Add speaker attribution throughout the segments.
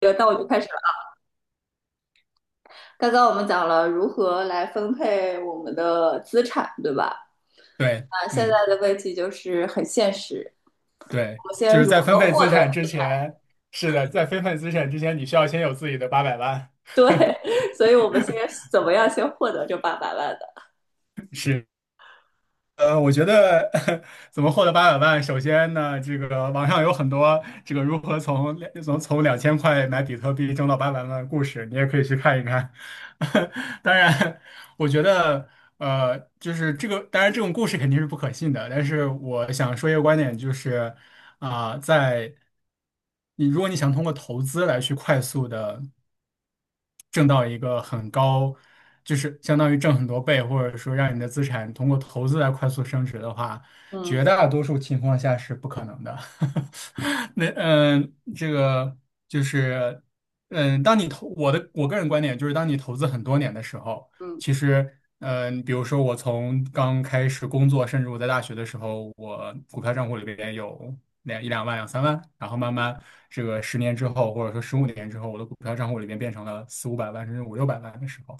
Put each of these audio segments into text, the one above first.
Speaker 1: 那我就开始了。刚刚我们讲了如何来分配我们的资产，对吧？
Speaker 2: 对，
Speaker 1: 现在
Speaker 2: 嗯，
Speaker 1: 的问题就是很现实，我
Speaker 2: 对，
Speaker 1: 们
Speaker 2: 就
Speaker 1: 先
Speaker 2: 是
Speaker 1: 如
Speaker 2: 在分
Speaker 1: 何
Speaker 2: 配
Speaker 1: 获
Speaker 2: 资
Speaker 1: 得？
Speaker 2: 产之前。是的，在分配资产之前，你需要先有自己的八百万。
Speaker 1: 对，所以我们先怎么样先获得这800万的？
Speaker 2: 是。我觉得。 怎么获得800万，首先呢，这个网上有很多这个如何从2000块买比特币挣到八百万的故事，你也可以去看一看。当然，我觉得。就是这个，当然这种故事肯定是不可信的，但是我想说一个观点，就是。啊、在如果你想通过投资来去快速的挣到一个很高，就是相当于挣很多倍，或者说让你的资产通过投资来快速升值的话，绝
Speaker 1: 嗯
Speaker 2: 大多数情况下是不可能的。这个就是。当你投我的我个人观点就是，当你投资很多年的时候，
Speaker 1: 嗯
Speaker 2: 其实。嗯，比如说我从刚开始工作，甚至我在大学的时候，我股票账户里边有两万、两三万，然后慢慢这个10年之后，或者说15年之后，我的股票账户里面变成了四五百万甚至五六百万的时候，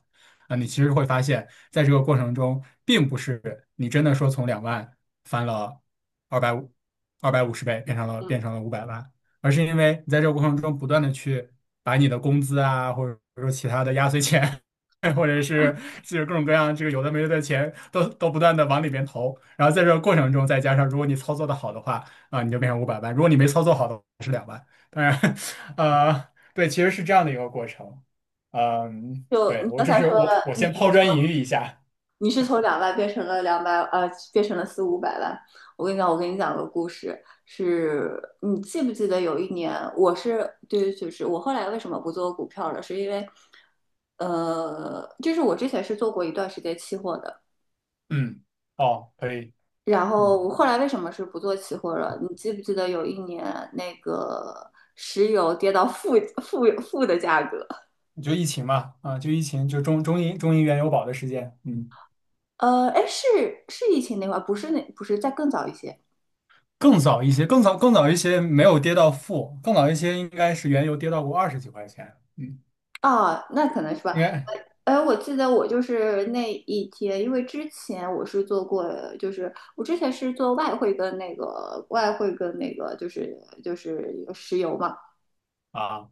Speaker 2: 那你其实会发现，在这个过程中，并不是你真的说从两万翻了二百五二百五十倍，变成了变
Speaker 1: 嗯。
Speaker 2: 成了五百万，而是因为你在这个过程中不断的去把你的工资啊，或者说其他的压岁钱。或者是就是各种各样这个有的没的的钱都不断的往里边投，然后在这个过程中再加上，如果你操作的好的话，你就变成五百万。如果你没操作好的话当然。对，其实是这样的一个过程。嗯，
Speaker 1: 就
Speaker 2: 对，
Speaker 1: 你
Speaker 2: 我
Speaker 1: 刚
Speaker 2: 这
Speaker 1: 才
Speaker 2: 是
Speaker 1: 说
Speaker 2: 我我
Speaker 1: 你
Speaker 2: 先抛砖引玉一下。
Speaker 1: 你是从2万变成了200，变成了四五百万。我跟你讲，我跟你讲个故事。是你记不记得有一年，我是对，就是我后来为什么不做股票了，是因为，就是我之前是做过一段时间期货的。
Speaker 2: 嗯，哦，可以。
Speaker 1: 然
Speaker 2: 嗯，
Speaker 1: 后我后来为什么是不做期货了？你记不记得有一年那个石油跌到负的价格？
Speaker 2: 就疫情嘛，就疫情，就中银原油宝的事件。嗯，
Speaker 1: 哎，是疫情那会儿，不是再更早一些。
Speaker 2: 更早一些，更早一些没有跌到负，更早一些应该是原油跌到过二十几块钱。嗯，
Speaker 1: 啊，那可能是吧。
Speaker 2: 应该。
Speaker 1: 哎，我记得我就是那一天，因为之前我是做过，就是我之前是做外汇跟那个外汇跟石油嘛。
Speaker 2: 啊，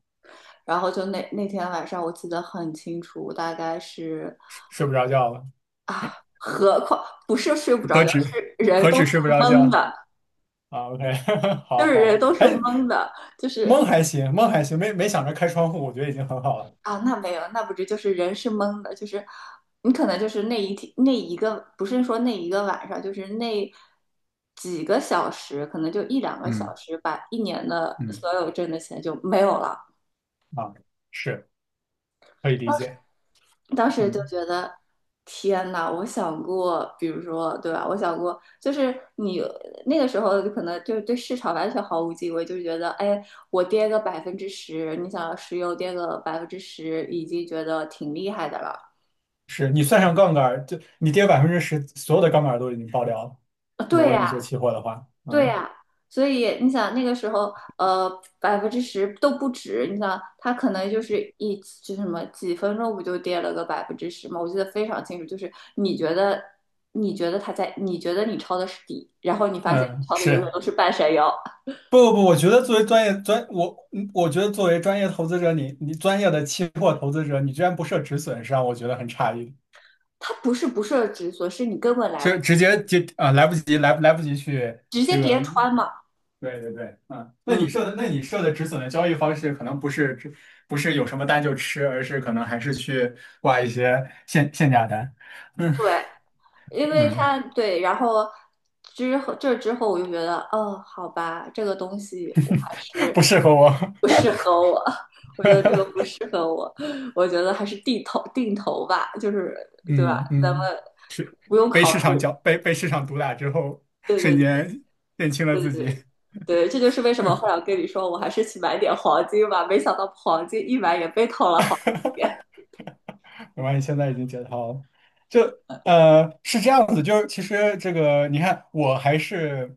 Speaker 1: 然后就那天晚上我记得很清楚，大概是
Speaker 2: 睡不着觉了。
Speaker 1: 何况不是睡不着
Speaker 2: 何
Speaker 1: 觉，
Speaker 2: 止
Speaker 1: 是人
Speaker 2: 何
Speaker 1: 都
Speaker 2: 止
Speaker 1: 是
Speaker 2: 睡不着
Speaker 1: 懵
Speaker 2: 觉。
Speaker 1: 的。
Speaker 2: OK。
Speaker 1: 就
Speaker 2: 好
Speaker 1: 是
Speaker 2: 好，
Speaker 1: 人
Speaker 2: 好
Speaker 1: 都是
Speaker 2: 还
Speaker 1: 懵的。就
Speaker 2: 蒙
Speaker 1: 是
Speaker 2: 还行，蒙还行，没想着开窗户，我觉得已经很好了。
Speaker 1: 啊，那没有，那不是就是人是懵的。就是你可能就是那一天那一个，不是说那一个晚上，就是那几个小时，可能就一两个小
Speaker 2: 嗯
Speaker 1: 时，把一年的
Speaker 2: 嗯。
Speaker 1: 所有挣的钱就没有了。
Speaker 2: 啊，是，可以理解。
Speaker 1: 当时就
Speaker 2: 嗯，
Speaker 1: 觉得，天呐，我想过，比如说，对吧？我想过，就是你那个时候就可能就是对市场完全毫无敬畏，就是觉得，哎，我跌个百分之十，你想石油跌个百分之十，已经觉得挺厉害的了。
Speaker 2: 是你算上杠杆儿，就你跌10%，所有的杠杆儿都已经爆掉了。如
Speaker 1: 对
Speaker 2: 果你
Speaker 1: 呀。
Speaker 2: 做期货的话。
Speaker 1: 对
Speaker 2: 嗯
Speaker 1: 呀。所以你想那个时候，呃，百分之十都不止。你想，它可能就是就是什么几分钟不就跌了个百分之十吗？我记得非常清楚，就是你觉得它在，你觉得你抄的是底，然后你发现你
Speaker 2: 嗯，
Speaker 1: 抄的永远
Speaker 2: 是。
Speaker 1: 都是半山腰。
Speaker 2: 不不不，我觉得作为专业投资者，你专业的期货投资者，你居然不设止损，是让我觉得很诧异。
Speaker 1: 它不是不设止损，是你根本来
Speaker 2: 就
Speaker 1: 不
Speaker 2: 直接来不及去
Speaker 1: 直接
Speaker 2: 这个。
Speaker 1: 跌穿嘛。
Speaker 2: 对对对，嗯，那
Speaker 1: 嗯，
Speaker 2: 你设的那你设的止损的交易方式，可能不是有什么单就吃，而是可能还是去挂一些限价单。嗯
Speaker 1: 对，因为
Speaker 2: 嗯。
Speaker 1: 它对。然后这之后我就觉得，哦，好吧，这个东西。
Speaker 2: 不适合我。
Speaker 1: 不适合 我。我觉得这个不适合我。我觉得还是定投定投吧，就是对吧？
Speaker 2: 嗯
Speaker 1: 咱们
Speaker 2: 嗯，是
Speaker 1: 不用
Speaker 2: 被
Speaker 1: 考
Speaker 2: 市
Speaker 1: 虑。
Speaker 2: 场搅被被市场毒打之后，
Speaker 1: 对
Speaker 2: 瞬
Speaker 1: 对
Speaker 2: 间认清了自己。
Speaker 1: 对，这就是为什么后来我跟你说，我还是去买点黄金吧，没想到黄金一买也被套了好几遍。
Speaker 2: 我发现现在已经解套了。就是这样子，就是其实这个你看，我还是。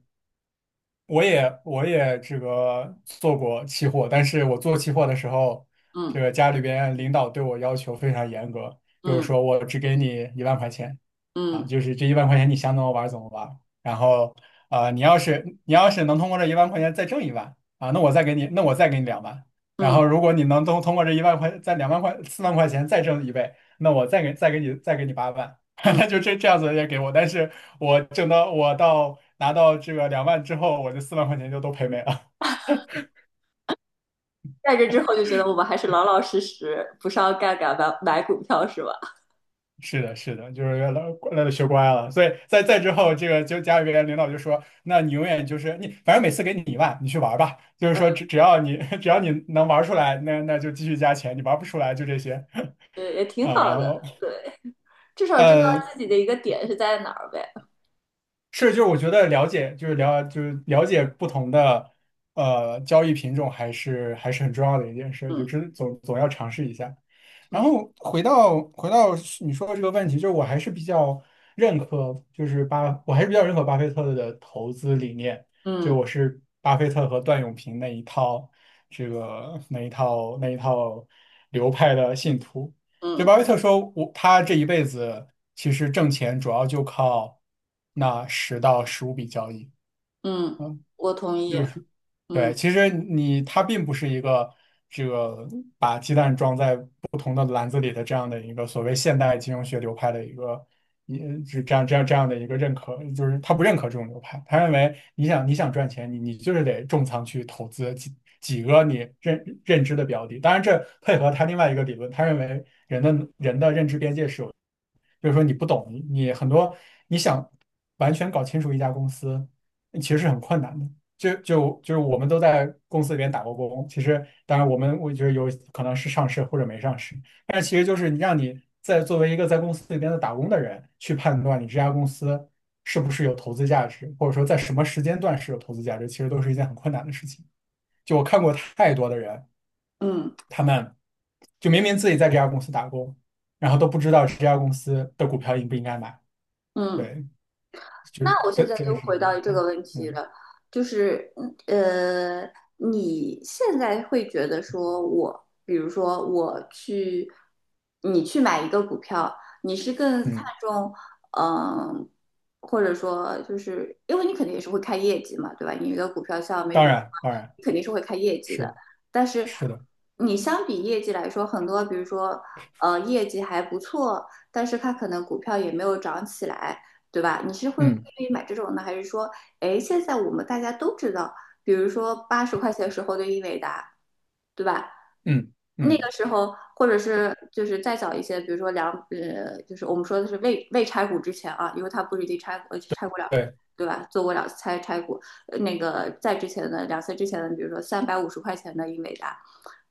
Speaker 2: 我也这个做过期货，但是我做期货的时候，这
Speaker 1: 嗯
Speaker 2: 个家里边领导对我要求非常严格，就是
Speaker 1: 嗯
Speaker 2: 说我只给你一万块钱。
Speaker 1: 嗯
Speaker 2: 就是这一万块钱你想怎么玩儿怎么玩儿，然后你要是能通过这一万块钱再挣一万。那我再给你两万，然
Speaker 1: 嗯
Speaker 2: 后如果你能通过这一万块再2万块四万块钱再挣一倍，那我再给你8万。
Speaker 1: 嗯。
Speaker 2: 那就这样子也给我，但是我挣到我到拿到这个两万之后，我这四万块钱就都赔没了。
Speaker 1: 在这之后就觉得我们还是老老实实，不上杠杆买买股票是吧？
Speaker 2: 是的，是的，就是学乖了，所以在之后，这个就家里边领导就说，那你永远就是你，反正每次给你一万，你去玩儿吧。就是说只要你 只要你能玩儿出来，那就继续加钱，你玩儿不出来就这些。
Speaker 1: 对，也 挺
Speaker 2: 然
Speaker 1: 好的，
Speaker 2: 后。
Speaker 1: 对，至少知道
Speaker 2: 呃。”
Speaker 1: 自己的一个点是在哪儿呗。
Speaker 2: 是，就是我觉得了解，就是了解不同的交易品种，还是很重要的一件事，就
Speaker 1: 嗯
Speaker 2: 知总总要尝试一下。然
Speaker 1: 嗯
Speaker 2: 后回到你说的这个问题，就是我还是比较认可巴菲特的投资理念，就
Speaker 1: 嗯
Speaker 2: 我是巴菲特和段永平那一套这个那一套那一套流派的信徒。就
Speaker 1: 嗯
Speaker 2: 巴菲特说我，他这一辈子其实挣钱主要就靠那10到15笔交易。
Speaker 1: 嗯，我同意。
Speaker 2: 就是，对，
Speaker 1: 嗯
Speaker 2: 其实他并不是一个这个把鸡蛋装在不同的篮子里的这样的一个所谓现代金融学流派的一个，一是这样的一个认可，就是他不认可这种流派，他认为你想赚钱，你就是得重仓去投资几个你认知的标的，当然这配合他另外一个理论，他认为人的认知边界是有。就是说你不懂，你很多你想完全搞清楚一家公司，其实是很困难的。就是我们都在公司里边打过工，其实当然我觉得有可能是上市或者没上市，但是其实就是你让你在作为一个在公司里边的打工的人去判断你这家公司是不是有投资价值，或者说在什么时间段是有投资价值，其实都是一件很困难的事情。就我看过太多的人，
Speaker 1: 嗯
Speaker 2: 他们就明明自己在这家公司打工，然后都不知道这家公司的股票应不应该买。
Speaker 1: 嗯。
Speaker 2: 对，就
Speaker 1: 那
Speaker 2: 是
Speaker 1: 我现
Speaker 2: 真
Speaker 1: 在
Speaker 2: 真的
Speaker 1: 就
Speaker 2: 是这
Speaker 1: 回
Speaker 2: 样。
Speaker 1: 到这个
Speaker 2: 嗯
Speaker 1: 问题
Speaker 2: 嗯，
Speaker 1: 了，就是呃，你现在会觉得说我，比如说我去，你去买一个股票，你是更看
Speaker 2: 嗯，
Speaker 1: 重嗯、或者说就是因为你肯定也是会看业绩嘛，对吧？你一个股票像美
Speaker 2: 当
Speaker 1: 股，
Speaker 2: 然当然，
Speaker 1: 你肯定是会看业绩的，
Speaker 2: 是
Speaker 1: 但是
Speaker 2: 是的。
Speaker 1: 你相比业绩来说，很多比如说业绩还不错，但是它可能股票也没有涨起来。对吧？你是会愿
Speaker 2: 嗯。
Speaker 1: 意买这种呢，还是说，哎，现在我们大家都知道，比如说80块时候的英伟达，对吧？
Speaker 2: 嗯
Speaker 1: 那
Speaker 2: 嗯，
Speaker 1: 个时候，或者是就是再早一些，比如说就是我们说的是未拆股之前啊，因为他不是已经拆过了，
Speaker 2: 对
Speaker 1: 对吧？做过两次拆股。那个在之前的两次之前的，比如说350块的英伟达，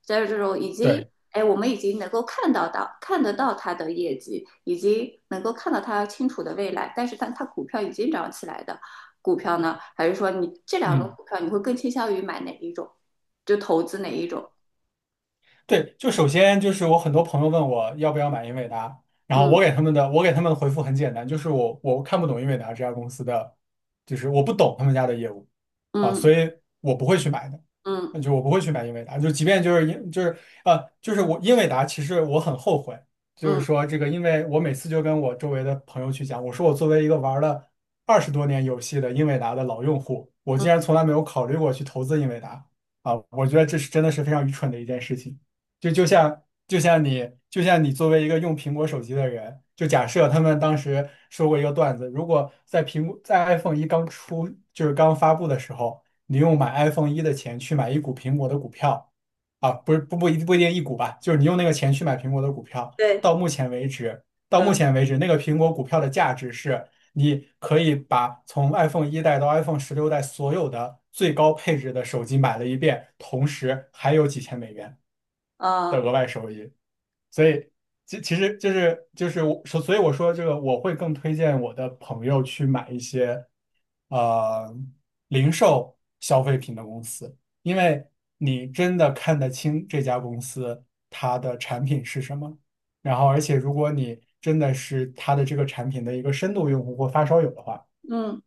Speaker 1: 在这种已经，
Speaker 2: 对。
Speaker 1: 哎，我们已经能够看到到看得到它的业绩，已经能够看到它清楚的未来，但是它股票已经涨起来的股票呢，还是说你这两种
Speaker 2: 嗯。
Speaker 1: 股票，你会更倾向于买哪一种？就投资哪一种？
Speaker 2: 对，就首先就是我很多朋友问我要不要买英伟达，然后我
Speaker 1: 嗯
Speaker 2: 给他们的我给他们的回复很简单，就是我看不懂英伟达这家公司的，就是我不懂他们家的业务，啊，所
Speaker 1: 嗯。
Speaker 2: 以我不会去买的，
Speaker 1: 嗯
Speaker 2: 那就我不会去买英伟达，就即便就是英就是呃就是我英伟达，其实我很后悔，就是
Speaker 1: 嗯，
Speaker 2: 说这个，因为我每次就跟我周围的朋友去讲，我说我作为一个玩了20多年游戏的英伟达的老用户，我竟然从来没有考虑过去投资英伟达。啊，我觉得这是真的是非常愚蠢的一件事情。就像你作为一个用苹果手机的人，就假设他们当时说过一个段子，如果在苹果在 iPhone 一刚出就是刚发布的时候，你用买 iPhone 一的钱去买一股苹果的股票，不是不不一不一定一股吧，就是你用那个钱去买苹果的股票，
Speaker 1: 对，
Speaker 2: 到目前为止那个苹果股票的价值是。你可以把从 iPhone 一代到 iPhone 16代所有的最高配置的手机买了一遍，同时还有几千美元的
Speaker 1: 啊、
Speaker 2: 额外收益。所以，其实就是所以我说这个，我会更推荐我的朋友去买一些呃零售消费品的公司，因为你真的看得清这家公司它的产品是什么。然后，而且如果你真的是它的这个产品的一个深度用户或发烧友的话，
Speaker 1: 嗯，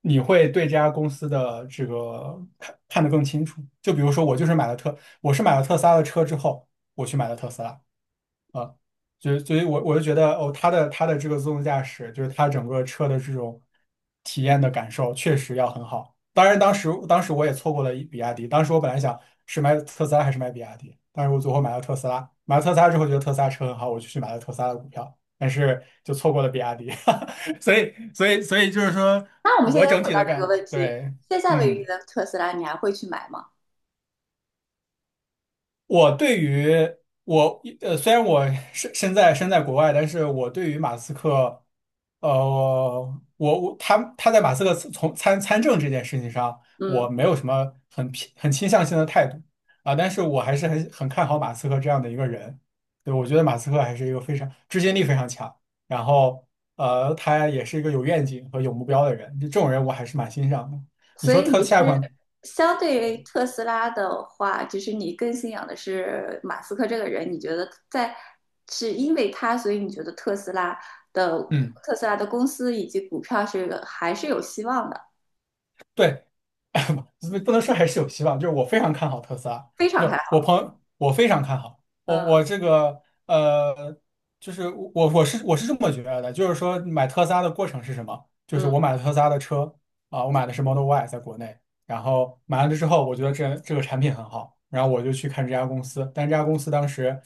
Speaker 2: 你会对这家公司的这个看得更清楚。就比如说，我是买了特斯拉的车之后，我去买了特斯拉。啊，就所以我就觉得哦，它的这个自动驾驶，就是它整个车的这种体验的感受，确实要很好。当然，当时我也错过了比亚迪，当时我本来想是买特斯拉还是买比亚迪，但是我最后买了特斯拉。买了特斯拉之后，觉得特斯拉车很好，我就去买了特斯拉的股票，但是就错过了比亚迪。所以就是说
Speaker 1: 那我们现
Speaker 2: 我
Speaker 1: 在又
Speaker 2: 整
Speaker 1: 回
Speaker 2: 体
Speaker 1: 到
Speaker 2: 的
Speaker 1: 这个
Speaker 2: 感，
Speaker 1: 问题，
Speaker 2: 对，
Speaker 1: 现在为例
Speaker 2: 嗯。
Speaker 1: 的特斯拉，你还会去买吗？
Speaker 2: 我对于虽然我身在国外，但是我对于马斯克，呃，我他在马斯克从参政这件事情上，
Speaker 1: 嗯，
Speaker 2: 我没有什么很倾向性的态度啊，但是我还是很看好马斯克这样的一个人，对，我觉得马斯克还是一个非常执行力非常强，然后他也是一个有愿景和有目标的人，这种人我还是蛮欣赏的。你
Speaker 1: 所
Speaker 2: 说
Speaker 1: 以
Speaker 2: 特
Speaker 1: 你
Speaker 2: 下一
Speaker 1: 是
Speaker 2: 款，
Speaker 1: 相对于特斯拉的话，就是你更信仰的是马斯克这个人，你觉得在是因为他，所以你觉得特斯拉的
Speaker 2: 嗯。
Speaker 1: 特斯拉的公司以及股票是还是有希望的，
Speaker 2: 对，不能说还是有希望，就是我非常看好特斯拉，
Speaker 1: 非常
Speaker 2: 就
Speaker 1: 看
Speaker 2: 我
Speaker 1: 好。
Speaker 2: 朋友我非常看好，我
Speaker 1: 嗯
Speaker 2: 这个就是我是这么觉得的，就是说买特斯拉的过程是什么？就是我
Speaker 1: 嗯
Speaker 2: 买了特斯拉的车啊，我买的是 Model Y，在国内，然后买完了之后，我觉得这个产品很好，然后我就去看这家公司，但这家公司当时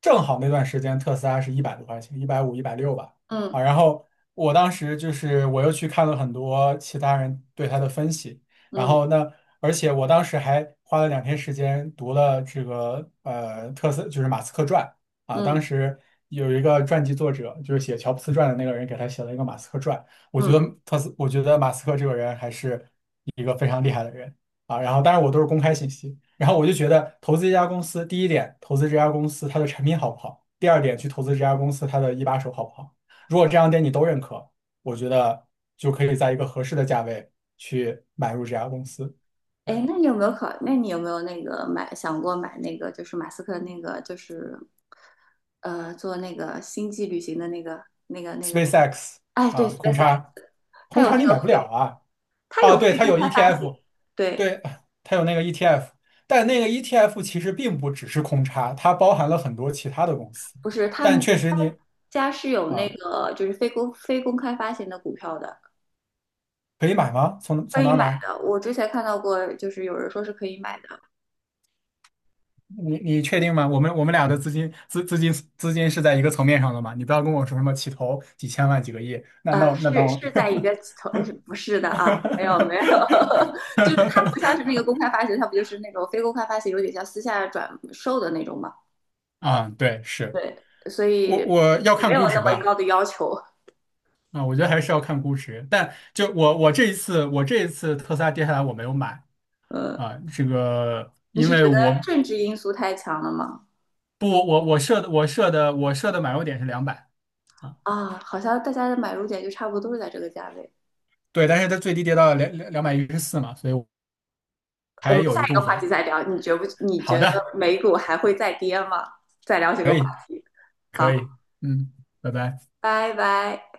Speaker 2: 正好那段时间特斯拉是一百多块钱，150、160吧。
Speaker 1: 嗯
Speaker 2: 啊，然后我当时就是我又去看了很多其他人对他的分析，然
Speaker 1: 嗯
Speaker 2: 后而且我当时还花了2天时间读了这个就是马斯克传啊，当
Speaker 1: 嗯
Speaker 2: 时有一个传记作者就是写乔布斯传的那个人给他写了一个马斯克传，我觉
Speaker 1: 嗯。
Speaker 2: 得我觉得马斯克这个人还是一个非常厉害的人啊，然后当然我都是公开信息，然后我就觉得投资一家公司，第一点投资这家公司它的产品好不好，第二点去投资这家公司它的一把手好不好。如果这两点你都认可，我觉得就可以在一个合适的价位去买入这家公司。对
Speaker 1: 哎，那你有没有那个想过买那个就是马斯克那个就是做那个星际旅行的那个？
Speaker 2: ，SpaceX
Speaker 1: 哎，对
Speaker 2: 啊，空
Speaker 1: ，SpaceX,
Speaker 2: 差，
Speaker 1: 它
Speaker 2: 空
Speaker 1: 有那
Speaker 2: 差你
Speaker 1: 个
Speaker 2: 买不
Speaker 1: 非
Speaker 2: 了啊
Speaker 1: 它
Speaker 2: 啊，
Speaker 1: 有
Speaker 2: 对，
Speaker 1: 非
Speaker 2: 它
Speaker 1: 公
Speaker 2: 有
Speaker 1: 开发行。
Speaker 2: ETF，
Speaker 1: 对，
Speaker 2: 对，它有那个 ETF，但那个 ETF 其实并不只是空差，它包含了很多其他的公司，
Speaker 1: 不是他
Speaker 2: 但
Speaker 1: 们
Speaker 2: 确实
Speaker 1: 他
Speaker 2: 你
Speaker 1: 们家是有那
Speaker 2: 啊
Speaker 1: 个就是非公开发行的股票的，
Speaker 2: 可以买吗？从
Speaker 1: 可
Speaker 2: 从哪
Speaker 1: 以
Speaker 2: 儿
Speaker 1: 买
Speaker 2: 买？
Speaker 1: 的。我之前看到过，就是有人说是可以买的。
Speaker 2: 你确定吗？我们俩的资金是在一个层面上的嘛？你不要跟我说什么起投几千万几个亿，那那那那
Speaker 1: 是
Speaker 2: 我
Speaker 1: 是在一个投，是不是的啊？没有没有，就是它不像是那个 公开发行，它不就是那种非公开发行，有点像私下转售的那种嘛，
Speaker 2: 啊，对，是
Speaker 1: 所
Speaker 2: 我
Speaker 1: 以
Speaker 2: 我要
Speaker 1: 没
Speaker 2: 看
Speaker 1: 有
Speaker 2: 估值
Speaker 1: 那么
Speaker 2: 吧，
Speaker 1: 高的要求。
Speaker 2: 啊，我觉得还是要看估值。但就我这一次特斯拉跌下来我没有买
Speaker 1: 呃，
Speaker 2: 啊，这个
Speaker 1: 你
Speaker 2: 因
Speaker 1: 是
Speaker 2: 为
Speaker 1: 觉得
Speaker 2: 我
Speaker 1: 政治因素太强了吗？
Speaker 2: 不我设的买入点是两百啊，
Speaker 1: 啊，好像大家的买入点就差不多都是在这个价位。
Speaker 2: 对，但是它最低跌到两百一十四嘛，所以我
Speaker 1: 我
Speaker 2: 还
Speaker 1: 们
Speaker 2: 有
Speaker 1: 下
Speaker 2: 一
Speaker 1: 一个
Speaker 2: 部
Speaker 1: 话
Speaker 2: 分。
Speaker 1: 题再聊，你觉不？你
Speaker 2: 好
Speaker 1: 觉得
Speaker 2: 的。
Speaker 1: 美股还会再跌吗？再聊这个话题。好，
Speaker 2: 可以，嗯，拜拜。
Speaker 1: 拜拜。